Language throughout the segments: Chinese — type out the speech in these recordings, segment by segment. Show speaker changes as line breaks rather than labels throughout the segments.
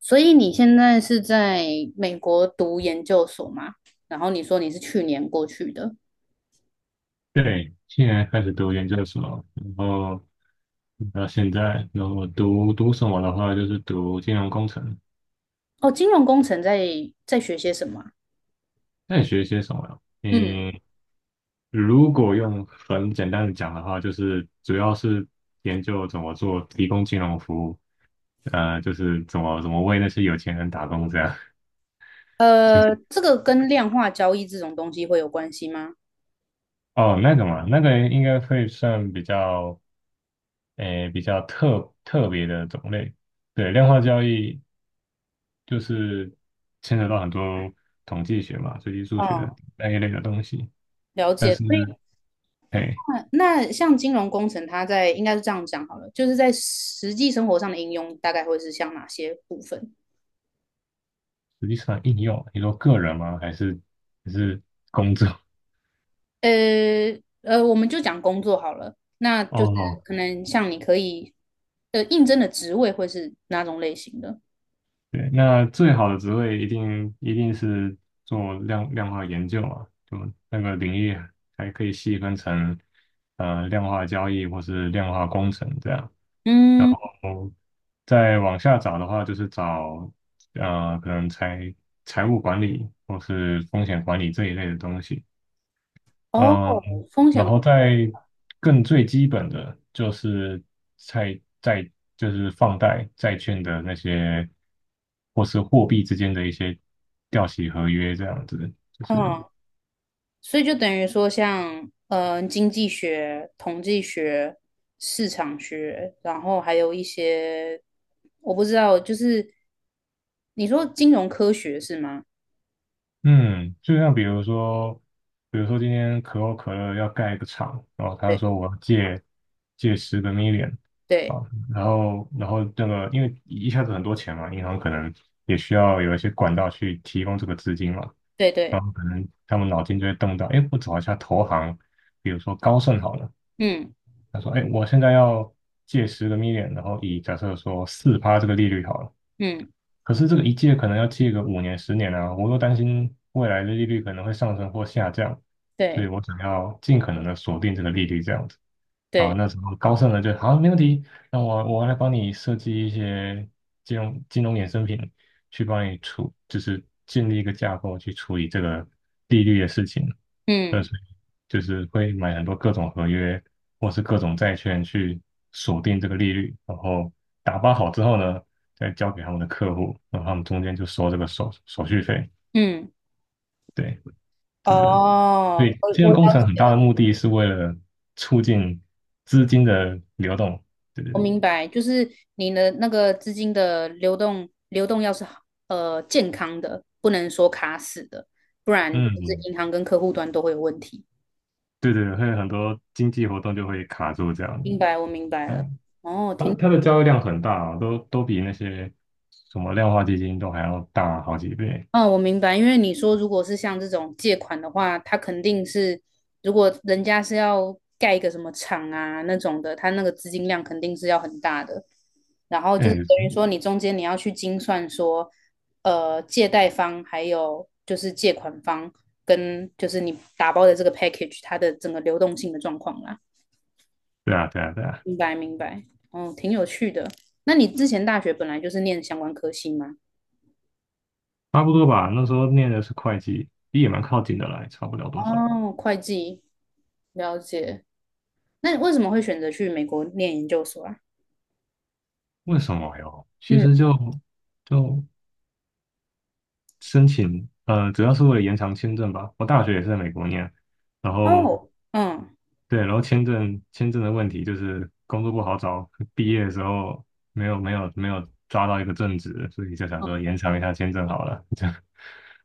所以你现在是在美国读研究所吗？然后你说你是去年过去的。
对，现年开始读研究所，然后到现在，然后我读什么的话，就是读金融工程。
哦，金融工程在学些什么啊？
那你学些什么呀？
嗯。
嗯，如果用很简单的讲的话，就是主要是研究怎么做提供金融服务，就是怎么为那些有钱人打工这样。
这个跟量化交易这种东西会有关系吗？
哦，那个嘛，那个应该会算比较特别的种类。对，量化交易，就是牵扯到很多统计学嘛、随机数学
哦，
那一类的东西。
了
但
解。
是，
所以
哎，
那那像金融工程，它在应该是这样讲好了，就是在实际生活上的应用大概会是像哪些部分？
实际上应用，你说个人吗？还是工作？
我们就讲工作好了，那 就是
哦，
可能像你可以应征的职位会是哪种类型的？
对，那最好的职位一定是做量化研究嘛，就那个领域还可以细分成量化交易或是量化工程这样。然
嗯。
后再往下找的话，就是找可能财务管理或是风险管理这一类的东西。
哦，
嗯，
风
然
险。
后再更最基本的就是债债就是放贷债券的那些，或是货币之间的一些掉期合约这样子，就是
嗯，所以就等于说像，嗯，经济学、统计学、市场学，然后还有一些，我不知道，就是你说金融科学是吗？
嗯，就像比如说，比如说今天可口可乐要盖一个厂，然后他
对
说我要借十个 million,啊，
对
然后这个因为一下子很多钱嘛，银行可能也需要有一些管道去提供这个资金嘛，
对对。
可能他们脑筋就会动到，哎，我找一下投行，比如说高盛好了，
嗯
他说，哎，我现在要借十个 million,然后以假设说4%这个利率好了，
嗯。
可是这个一借可能要借个5年10年啊，我又担心未来的利率可能会上升或下降，所
对
以我想要尽可能的锁定这个利率这样子。然后
对。
那时候高盛呢就好，没问题，那我来帮你设计一些金融衍生品，去帮你处，就是建立一个架构去处理这个利率的事情。
嗯
所以就是会买很多各种合约或是各种债券去锁定这个利率，然后打包好之后呢，再交给他们的客户，然后他们中间就收这个手续费。
嗯。
对，对，对，
哦，
以
我
金
我
融
了
工程很大的
解。
目的是为了促进资金的流动。对对
我
对，
明白，就是你的那个资金的流动要是好健康的，不能说卡死的，不然就是
嗯，
银行跟客户端都会有问题。
对对，会有很多经济活动就会卡住这样子。
明白，我明白了。
嗯，
哦，
它的
挺。
它的交易量很大啊，都比那些什么量化基金都还要大好几倍。
哦，我明白，因为你说如果是像这种借款的话，他肯定是，如果人家是要盖一个什么厂啊那种的，他那个资金量肯定是要很大的。然后就是
哎，
等于说，你中间你要去精算说，借贷方还有就是借款方跟就是你打包的这个 package 它的整个流动性的状况啦。
对啊，对啊，对啊，
明白，明白。嗯，挺有趣的。那你之前大学本来就是念相关科系吗？
差不多吧。那时候念的是会计，也蛮靠近的啦，也差不了多少。
哦，会计，了解。那你为什么会选择去美国念研究所啊？
为什么哟？其
嗯。
实就申请，主要是为了延长签证吧。我大学也是在美国念，然后
哦。嗯。
对，然后签证的问题就是工作不好找，毕业的时候没有抓到一个正职，所以就想说
嗯。
延长一下签证好了，这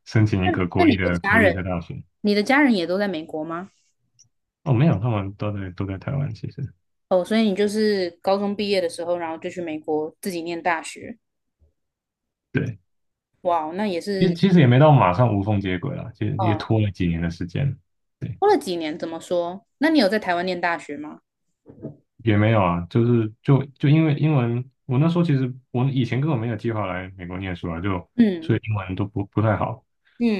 申请一
那
个
那
国
你
立
的
的
家
国立
人，
的大学。
你的家人也都在美国吗？
哦，没有，他们都在台湾，其实
哦，所以你就是高中毕业的时候，然后就去美国自己念大学。
对，
哇哦，那也
其实
是。
其实也没到马上无缝接轨了，其实也
嗯，
拖了几年的时间。对。
拖了几年，怎么说？那你有在台湾念大学吗？
也没有啊，就是因为英文，我那时候其实我以前根本没有计划来美国念书啊，就所
嗯
以英文都不太好，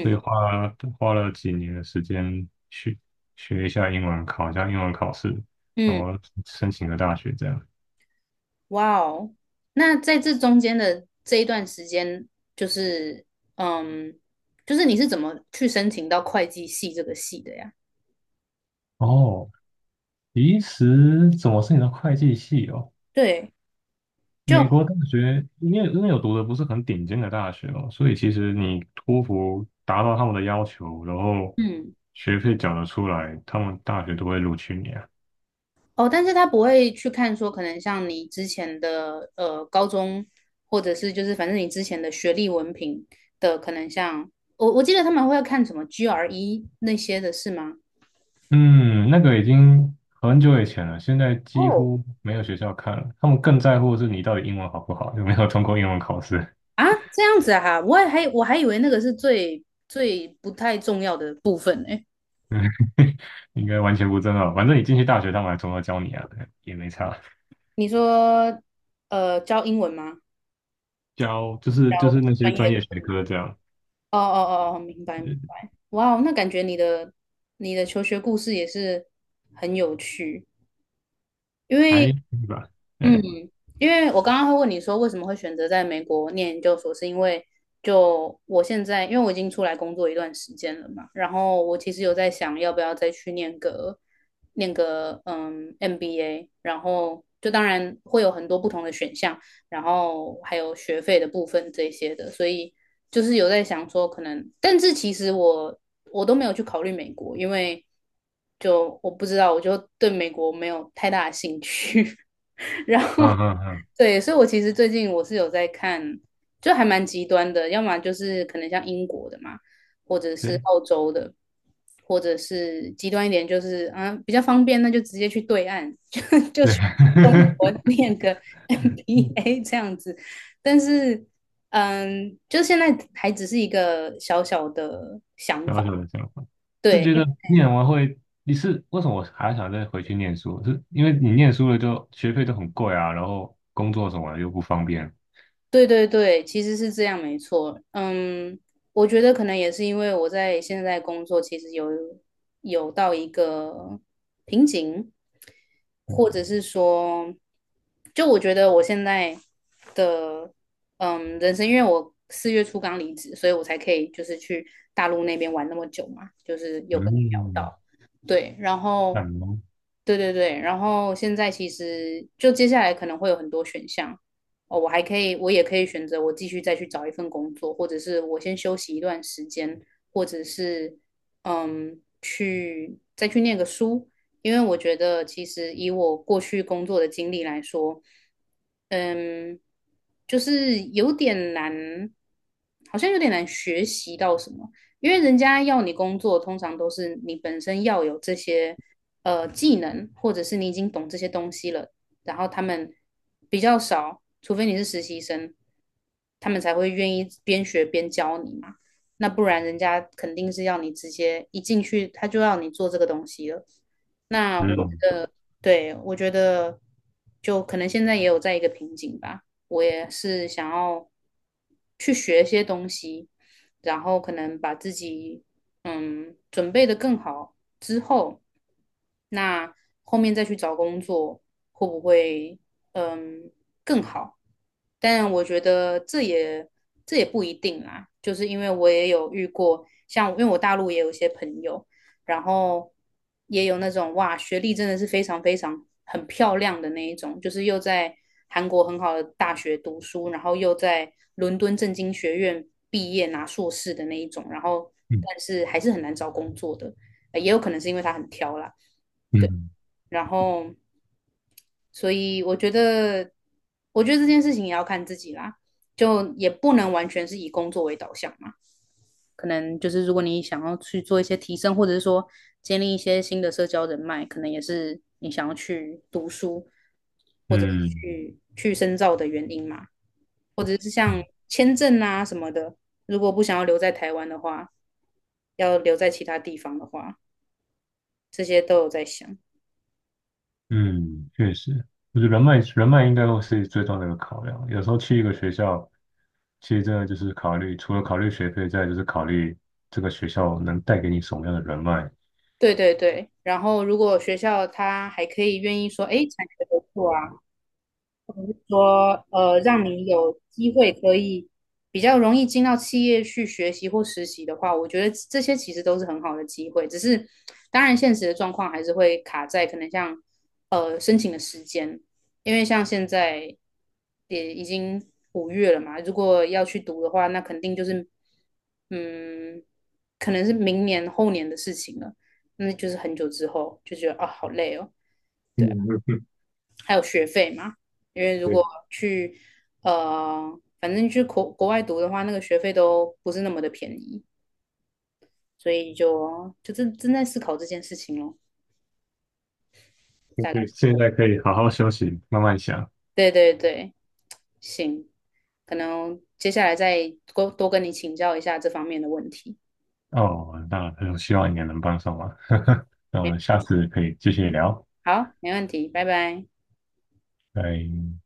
所以花了几年的时间去学一下英文，考一下英文考试，然
嗯。
后申请个大学这样。
哇哦，那在这中间的这一段时间，就是嗯，就是你是怎么去申请到会计系这个系的呀？
哦，其实怎么是你的会计系哦？
对，
美
就
国大学，因为有读的不是很顶尖的大学哦，所以其实你托福达到他们的要求，然后
嗯。
学费缴得出来，他们大学都会录取你啊。
哦，但是他不会去看说，可能像你之前的高中，或者是就是反正你之前的学历文凭的，可能像我记得他们会看什么 GRE 那些的是吗？
嗯，那个已经很久以前了，现在几
哦。
乎没有学校看了，他们更在乎的是你到底英文好不好，有没有通过英文考试，
啊，这样子啊，我还以为那个是最最不太重要的部分呢。
应该完全不重要。反正你进去大学，他们还从头教你啊，对也没差，
你说教英文吗？
教就是那些
专业
专业
科。
学科这样，
哦哦哦哦，明白。明
呃
白。哇哦，那感觉你的你的求学故事也是很有趣，因为。
还可以吧，
嗯，
哎，
因为我刚刚会问你说为什么会选择在美国念研究所，是因为就我现在，因为我已经出来工作一段时间了嘛，然后我其实有在想要不要再去念个MBA，然后就当然会有很多不同的选项，然后还有学费的部分这些的，所以就是有在想说可能，但是其实我都没有去考虑美国，因为就我不知道，我就对美国没有太大的兴趣。
嗯嗯嗯。
对，所以我其实最近我是有在看，就还蛮极端的，要么就是可能像英国的嘛，或者是
对。
澳洲的，或者是极端一点就是啊比较方便，那就直接去对岸，就就
对，
去 中国 念个 MBA 这样子。但是，嗯，就现在还只是一个小小的想法。
小小的想法，是
对。
觉得念完会，你是为什么我还想再回去念书？是因为你念书了就学费都很贵啊，然后工作什么的又不方便。
对对对，其实是这样，没错。嗯，我觉得可能也是因为我在现在工作，其实有到一个瓶颈，或者是说，就我觉得我现在的人生，因为我四月初刚离职，所以我才可以就是去大陆那边玩那么久嘛，就是有跟你聊
嗯，
到，对，然
感
后
冒，
对对对，然后现在其实就接下来可能会有很多选项。哦，我还可以，我也可以选择我继续再去找一份工作，或者是我先休息一段时间，或者是嗯，再去念个书，因为我觉得其实以我过去工作的经历来说，嗯，就是有点难，好像有点难学习到什么，因为人家要你工作，通常都是你本身要有这些技能，或者是你已经懂这些东西了，然后他们比较少，除非你是实习生，他们才会愿意边学边教你嘛。那不然人家肯定是要你直接一进去，他就要你做这个东西了。那我
嗯
对，我觉得就可能现在也有在一个瓶颈吧。我也是想要去学一些东西，然后可能把自己准备的更好之后，那后面再去找工作会不会嗯更好？但我觉得这也不一定啦，就是因为我也有遇过，像因为我大陆也有一些朋友，然后也有那种哇，学历真的是非常非常很漂亮的那一种，就是又在韩国很好的大学读书，然后又在伦敦政经学院毕业拿硕士的那一种，然后但是还是很难找工作的，也有可能是因为他很挑啦，
嗯
对，
嗯
然后所以我觉得，我觉得这件事情也要看自己啦，就也不能完全是以工作为导向嘛。可能就是如果你想要去做一些提升，或者是说建立一些新的社交人脉，可能也是你想要去读书或者是
嗯
去深造的原因嘛，或者是
嗯
像签证啊什么的，如果不想要留在台湾的话，要留在其他地方的话，这些都有在想。
嗯，确实，就是人脉，人脉应该会是最重要的一个考量。有时候去一个学校，其实真的就是考虑，除了考虑学费，再来就是考虑这个学校能带给你什么样的人脉。
对对对，然后如果学校他还可以愿意说，哎，产学合作啊。说让你有机会可以比较容易进到企业去学习或实习的话，我觉得这些其实都是很好的机会。只是当然现实的状况还是会卡在可能像申请的时间，因为像现在也已经五月了嘛，如果要去读的话，那肯定就是嗯，可能是明年后年的事情了，那就是很久之后就觉得啊好累哦。
嗯，
对啊，
嗯嗯
还有学费嘛，因为如果去反正去国外读的话，那个学费都不是那么的便宜，所以就正在思考这件事情咯，大
对，
概
现
是。
在可以好好休息，慢慢想。
对对对。行，可能接下来再多多跟你请教一下这方面的问题。
哦，那希望你也能帮上忙。那我
没
们下次可以继续聊，
好，没问题，拜拜。
拜。